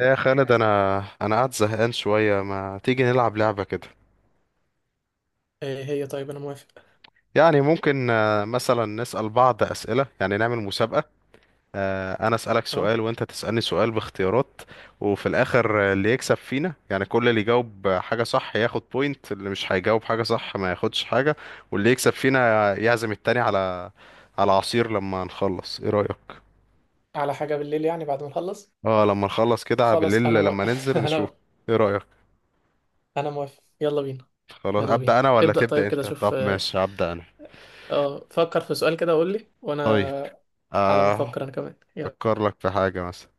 يا خالد انا قاعد زهقان شويه ما تيجي نلعب لعبه كده. ايه هي؟ طيب، انا موافق. يعني ممكن مثلا نسال بعض اسئله، يعني نعمل مسابقه. انا اسالك اه، سؤال وانت تسالني سؤال باختيارات، وفي الاخر اللي يكسب فينا، يعني كل اللي يجاوب حاجه صح ياخد بوينت، اللي مش هيجاوب حاجه صح ما ياخدش حاجه. واللي يكسب فينا يعزم التاني على عصير لما نخلص. ايه رايك؟ على حاجة بالليل، يعني بعد ما نخلص. اه، لما نخلص كده خلاص، بالليل انا لما ننزل نشوف. انا ايه رايك؟ انا موافق. يلا بينا. خلاص يلا بينا، ابدا انا ولا ابدأ. تبدا طيب كده، انت؟ شوف. طب اه، ماشي، ابدا انا. فكر في سؤال كده وقول لي، طيب وانا على ما آه افكر انا كمان. يلا، أفكر لك في حاجة مثلا.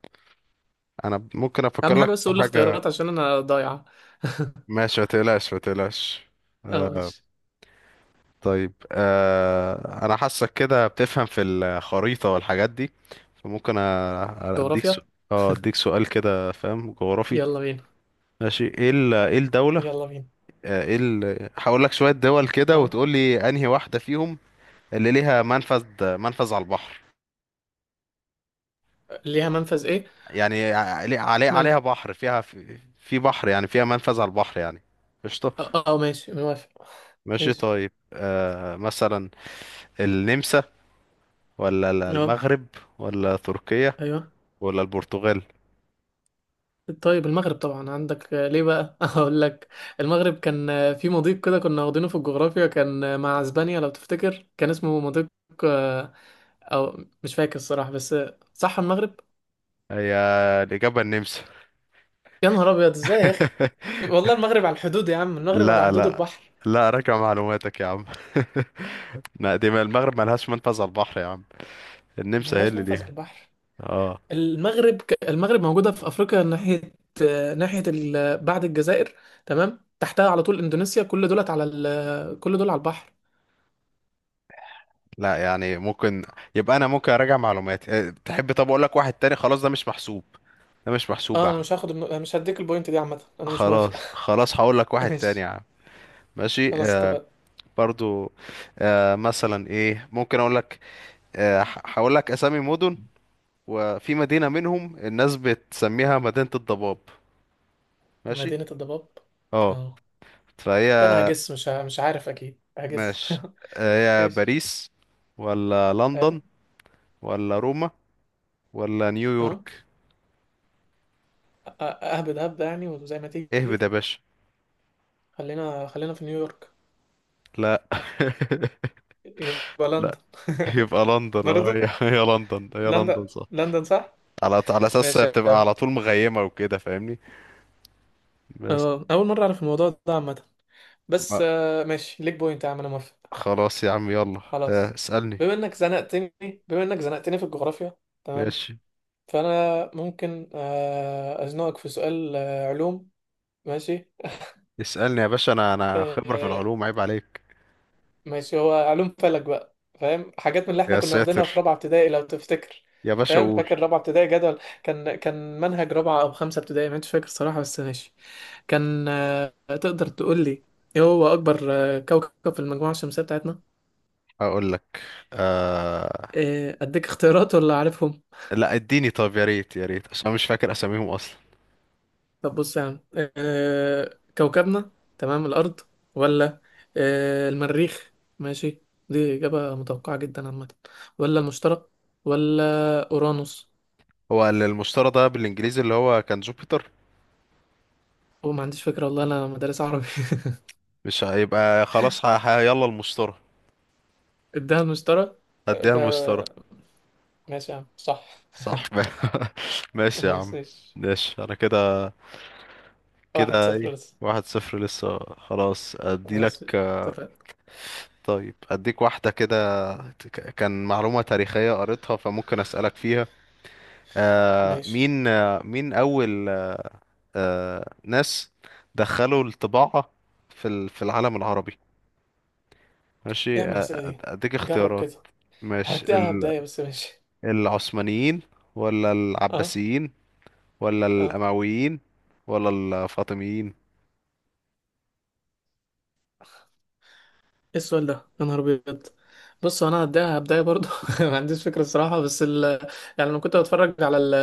أنا ممكن أفكر اهم لك حاجة بس في قول لي حاجة. اختيارات عشان انا ضايعة. ماشي، ما تقلقش. اه، آه. ماشي. طيب أنا حاسك كده بتفهم في الخريطة والحاجات دي، فممكن أديك جغرافيا. سؤال. اه، أديك سؤال كده، فاهم جغرافي. يلا بينا ماشي. إيه الدولة؟ يلا بينا. هقول لك شوية دول كده اه، وتقول لي أنهي واحدة فيهم اللي ليها منفذ، منفذ على البحر. ليها منفذ ايه؟ يعني مل... عليها بحر، فيها في بحر، يعني فيها منفذ على البحر يعني. قشطة. اه، ماشي، موافق. ماشي ماشي. طيب مثلا النمسا، ولا اه. المغرب، ولا تركيا، ايوه. ولا البرتغال؟ طيب، المغرب طبعا عندك. ليه بقى؟ هقول لك. المغرب كان في مضيق كده، كنا واخدينه في الجغرافيا، كان مع اسبانيا. لو تفتكر كان اسمه مضيق. آه، او مش فاكر الصراحة، بس صح، المغرب. هي الإجابة النمسا. يا نهار ابيض، ازاي يا اخي؟ والله المغرب على الحدود يا عم. المغرب على لا حدود لا، البحر. لا راجع معلوماتك يا عم. لا دي، ما المغرب ملهاش منفذ على البحر يا عم. النمسا هي ملهاش اللي منفذ على ليها. البحر؟ اه. المغرب موجودة في افريقيا، ناحية ناحية بعد الجزائر. تمام، تحتها على طول اندونيسيا، كل دول على البحر. لا يعني ممكن، يبقى انا ممكن اراجع معلوماتي. تحب طب اقول لك واحد تاني؟ خلاص ده مش محسوب، ده مش محسوب يا اه، انا عم. مش هاخد النو- أنا مش هديك البوينت دي عامه، انا مش موافق. خلاص خلاص، هقول لك واحد تاني يا ماشي. عم. ماشي. خلاص، آه، اتفقنا. برضو. آه مثلا ايه ممكن اقول لك؟ هقول لك اسامي مدن، وفي مدينة منهم الناس بتسميها مدينة الضباب. ماشي. مدينة الضباب؟ اه. اه. فهي، ده انا هجس، مش عارف اكيد، هجس. ماشي، هي ماشي. باريس، ولا اه. لندن، ولا روما، ولا اه. نيويورك؟ أ- أ- اهبد هبدة يعني، وزي ما اهبد يا تيجي. باشا. خلينا في نيويورك. لا. يبقى لا، لندن. يبقى لندن. اه هي، برضه. هي لندن، هي لندن لندن. صح. لندن صح. على اساس ماشي يا بتبقى عم. على طول مغيمة وكده، فاهمني؟ بس. اول مرة اعرف الموضوع ده عامة. بس ما- ماشي، ليك بوينت يا عم، انا موافق. خلاص يا عم يلا. خلاص. اسألني. بما انك زنقتني بما انك زنقتني في الجغرافيا. تمام. ماشي، فانا ممكن ازنقك في سؤال علوم. ماشي. اسألني يا باشا، انا آه خبرة في آه، العلوم، عيب عليك. ماشي. هو علوم فلك. بقى فاهم حاجات من اللي احنا يا كنا واخدينها في ساتر. رابعه ابتدائي، لو تفتكر. يا باشا فاهم. قول. فاكر رابعه ابتدائي، جدول كان منهج رابعه او خمسه ابتدائي. مش فاكر صراحه، بس ماشي. كان. تقدر تقول لي ايه هو اكبر كوكب في المجموعه الشمسيه بتاعتنا؟ اقول لك. آه... اديك اختيارات ولا عارفهم؟ لا اديني، طب يا ريت، يا ريت عشان أنا مش فاكر اساميهم اصلا. طب بص يا عم. كوكبنا. تمام، الأرض. ولا المريخ. ماشي. دي إجابة متوقعة جدا عامة. ولا المشتري. ولا أورانوس. هو المشتري ده بالانجليزي اللي هو كان جوبيتر. وما عنديش فكرة والله، أنا مدرس عربي. مش هيبقى خلاص، يلا المشتري. ادها المشتري، هديها ده المشتري. ماشي يا عم، صح. صح. ماشي يا خلاص، عم. ماشي. ماشي انا كده. واحد كده صفر ايه؟ لسه. واحد صفر لسه. خلاص ادي خلاص، لك اتفقنا. طيب اديك واحدة كده. كان معلومة تاريخية قريتها، فممكن اسألك فيها. ماشي. مين مين اول ناس دخلوا الطباعة في العالم العربي؟ إيه يا ماشي عم الأسئلة دي؟ اديك جرب اختيارات. كده. ماشي. هديها بداية، بس ماشي. العثمانيين، ولا اه. العباسيين، ولا اه. الأمويين، ولا الفاطميين؟ ايه السؤال ده يا نهار ابيض؟ بص، هو انا هبداها برضو. ما عنديش فكره الصراحه، يعني لما كنت بتفرج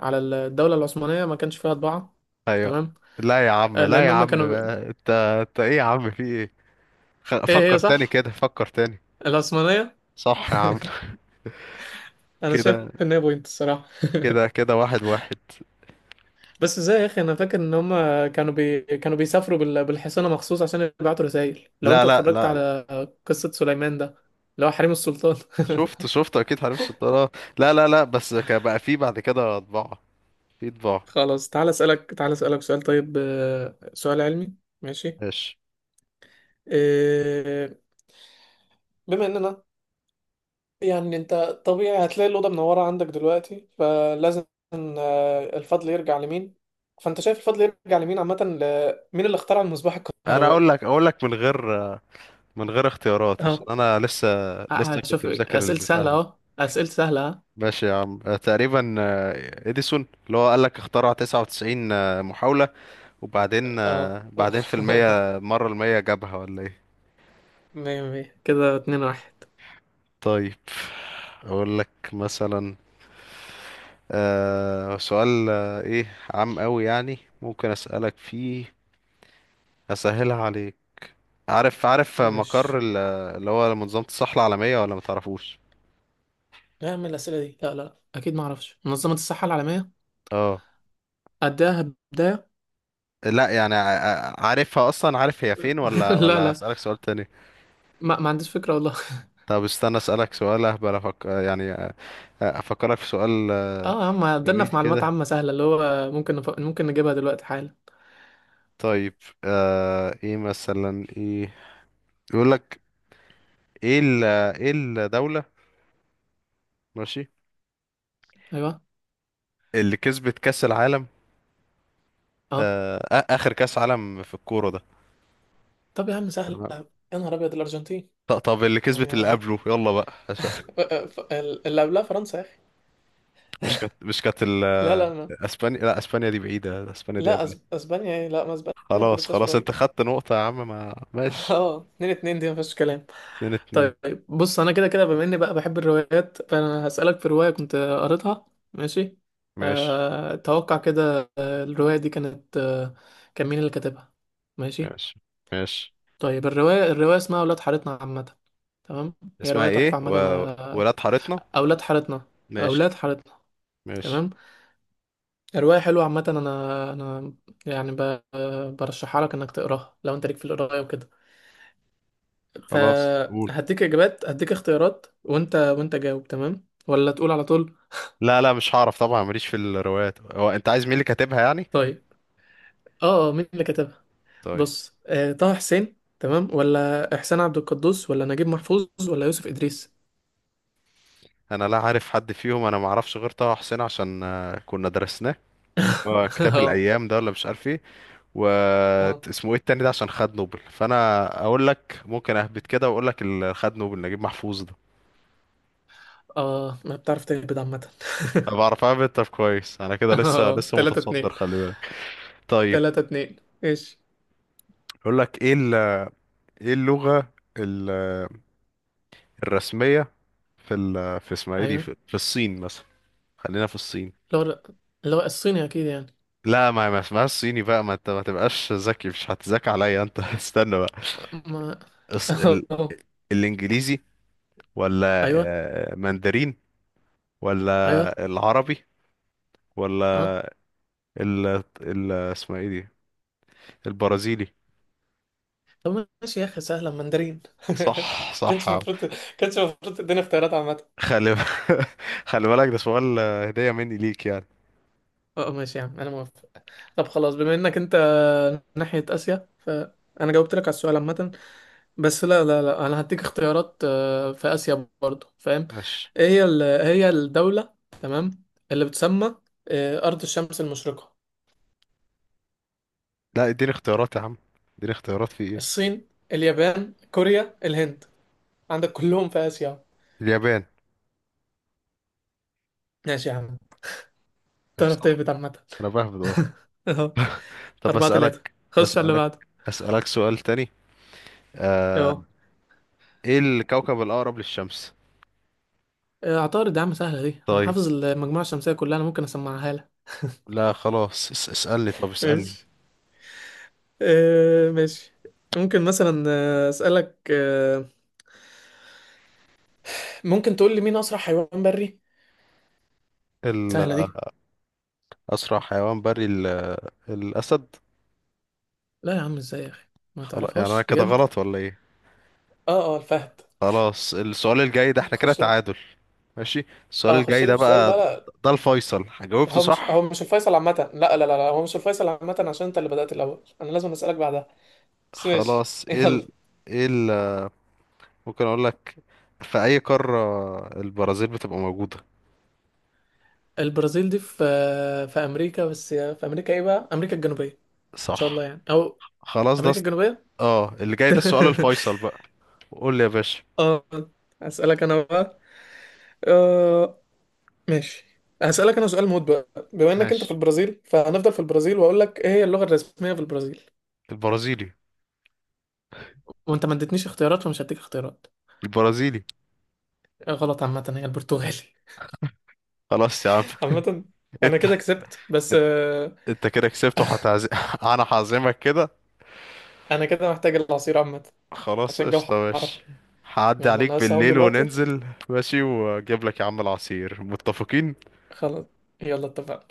على الدوله العثمانيه، ما كانش فيها طباعه. ايوه. تمام. لا يا عم، لا يا لان هم عم كانوا. بقى، انت انت ايه يا عم، في ايه؟ ايه، هي فكر تاني صح. كده، فكر تاني. العثمانيه. صح يا عم. انا شايف كده ان هي بوينت الصراحه. كده، كده واحد واحد. بس ازاي يا اخي، انا فاكر ان هم كانوا بيسافروا بالحصانه مخصوص، عشان يبعتوا رسائل. لو لا انت لا اتفرجت لا لا. على قصه سليمان، ده اللي هو حريم السلطان. شفت، شفت اكيد حريف السلطان. لا لا لا، بس كان بقى في بعد كده طباعة، في طباعة. خلاص. تعال اسالك سؤال. طيب سؤال علمي. ماشي. ماشي. إيه، بما اننا، يعني انت طبيعي هتلاقي الاوضه منوره عندك دلوقتي، فلازم الفضل يرجع لمين. فانت شايف الفضل يرجع لمين عامه؟ مين اللي اخترع المصباح انا اقول الكهربائي؟ لك، اقول لك من غير، من غير اختيارات عشان اهو. انا لسه، لسه كنت هشوف مذاكر اسئله البتاع سهله، دي. اهو اسئله سهله. ها. ماشي يا عم. تقريبا اديسون اللي هو قال لك اخترع 99 محاولة، وبعدين اه. بعدين في المية مرة، المية جابها ولا ايه؟ مية مية كده. اتنين واحد. طيب اقول لك مثلا سؤال ايه عام قوي يعني، ممكن اسألك فيه، اسهلها عليك. عارف، عارف ده مقر مش اللي هو منظمة الصحة العالمية ولا متعرفوش؟ نعمل الأسئلة دي. لا لا، اكيد ما اعرفش منظمه الصحه العالميه. اه. اديها بدايه. لا يعني، عارفها اصلا، عارف هي فين، ولا لا ولا لا، اسالك سؤال تاني؟ ما عنديش فكره والله. طب استنى اسالك سؤال اهبل، افكرك في سؤال. اه يا عم، عدلنا جميل في معلومات كده. عامة سهلة، اللي هو ممكن ممكن نجيبها دلوقتي حالا. طيب ايه مثلا، ايه يقول لك، ايه ال... ايه الدولة، ماشي، ايوه. اللي كسبت كأس العالم؟ اه. اخر كأس عالم في الكورة ده. طب يا عم، سهلة تمام. يا نهار ابيض. الارجنتين. طب اللي كسبت يعني اللي قبله، يلا بقى عشان. اللي قبلها فرنسا يا اخي. مش كانت، لا لا، ما. اسبانيا؟ لا اسبانيا دي بعيدة، اسبانيا دي لا، قبلها. اسبانيا، ايه؟ لا، ما اسبانيا ما خلاص خدتهاش خلاص، انت قريب. خدت نقطة يا عم. ما ماشي. اه، اتنين اتنين دي ما فيهاش كلام. اتنين اتنين. طيب بص، انا كده كده بما اني بقى بحب الروايات، فانا هسألك في رواية كنت قريتها. ماشي. ماشي. توقع كده. الرواية دي كانت، كان مين اللي كاتبها؟ ماشي. ماشي. ماشي. طيب الرواية اسمها أولاد حارتنا عامة. تمام. هي اسمها رواية تحفة ايه عامة. أنا ولاد حارتنا؟ أولاد حارتنا. ماشي. أولاد حارتنا. ماشي. تمام. رواية حلوة عامة. أنا أنا يعني برشحها لك إنك تقراها، لو أنت ليك في القراية وكده. خلاص قول. فهديك إجابات، هديك اختيارات، وأنت جاوب تمام ولا تقول على طول. لا لا مش هعرف طبعا، ماليش في الروايات. هو انت عايز مين اللي كاتبها يعني؟ طيب مين اللي كتبها؟ طيب. بص، طه حسين تمام، ولا إحسان عبد القدوس، ولا نجيب محفوظ، ولا يوسف إدريس؟ انا لا عارف حد فيهم، انا ما اعرفش غير طه حسين عشان كنا درسناه كتاب آه الايام ده، ولا مش عارف ايه. و آه اسمه ايه التاني ده عشان خد نوبل، فانا اقول لك ممكن اهبط كده واقول لك اللي خد نوبل نجيب محفوظ ده. ما بتعرف تهبط عامة. انا بعرف اهبط. طب كويس، انا كده آه لسه، لسه تلاتة متصدر، اتنين. خلي بالك. طيب تلاتة اتنين. إيش؟ اقول لك ايه. ايه اللغة ال- الرسمية في اسمها ايه دي، ايوه. في الصين مثلا؟ خلينا في الصين. اللي هو اللي هو الصيني اكيد يعني. لا، ما ما اسمهاش صيني بقى، ما انت ما تبقاش ذكي مش هتذاكى عليا انت. استنى بقى. ما الص- ال... الانجليزي، ولا ايوه. ماندرين، ايوه. ولا العربي، اه. ولا ال... اسمها ايه دي، البرازيلي؟ طب ماشي يا اخي، سهله. مندرين. صح، صح كانش يا عم. المفروض كانش المفروض تديني اختيارات عامه. خلي، خلي بالك، ده سؤال هدية مني ليك يعني. اه، ماشي يا عم. انا موافق. طب خلاص، بما انك انت ناحيه اسيا، فانا جاوبت لك على السؤال عامه. بس لا لا لا، انا هديك اختيارات في اسيا برضه، فاهم. ماشي. ايه هي الدوله، تمام، اللي بتسمى ارض الشمس المشرقه؟ لا اديني اختيارات يا عم، اديني اختيارات في ايه. الصين، اليابان، كوريا، الهند. عندك كلهم في آسيا. اليابان. ماشي يا عم. تعرف تهبط عامة. انا بهبد اه. اهو. طب أربعة تلاتة. اسالك، خش على اللي اسالك، بعده. اسالك سؤال تاني. آه... اهو. ايه الكوكب الاقرب للشمس؟ عطارد يا عم، سهلة دي. أنا طيب. حافظ المجموعة الشمسية كلها. أنا ممكن أسمعها لك. لا خلاص، اسالني، طب اسالني. ماشي. ماشي. ممكن مثلا أسألك ممكن تقول لي، مين أسرع حيوان بري؟ ال- سهلة دي. اسرع حيوان بري الاسد. لا يا عم، ازاي يا أخي؟ ما خلاص يعني انا تعرفهاش كده بجد؟ غلط ولا ايه؟ اه، اه، الفهد. خلاص السؤال الجاي ده احنا كده خش لي. تعادل. ماشي، السؤال اه، خش الجاي لي ده في السؤال بقى بقى. ده، لا، ده الفيصل، جاوبته هو مش صح. هو مش الفيصل عامة. لا لا لا لا، هو مش الفيصل عامة، عشان انت اللي بدأت الأول، أنا لازم أسألك بعدها. بس ماشي. خلاص يلا. ايه ال... ممكن اقول لك في اي قارة البرازيل بتبقى موجودة؟ البرازيل دي في امريكا، بس في امريكا ايه بقى؟ امريكا الجنوبيه ان شاء صح، الله يعني، او خلاص ده. امريكا الجنوبيه. اه، اللي جاي ده السؤال الفيصل بقى. قول لي يا باشا. اه، اسالك انا بقى. آه... ماشي، هسالك انا سؤال موت بقى. بما انك انت في ماشي. البرازيل، فهنفضل في البرازيل، واقول لك ايه هي اللغه الرسميه في البرازيل. البرازيلي. وانت ما اديتنيش اختيارات، فمش هديك اختيارات. البرازيلي. غلط عامه، هي البرتغالي. خلاص يا عم. عامه، انا انت، كده كسبت، بس انت كده كسبت وهتعزم. انا هعزمك كده. انا كده محتاج العصير عامه، خلاص عشان الجو قشطة، ماشي، حر. هعدي يلا، عليك انا هقوم بالليل دلوقتي. وننزل، ماشي، واجيب لك يا عم العصير. متفقين؟ خلاص. يلا، اتفقنا.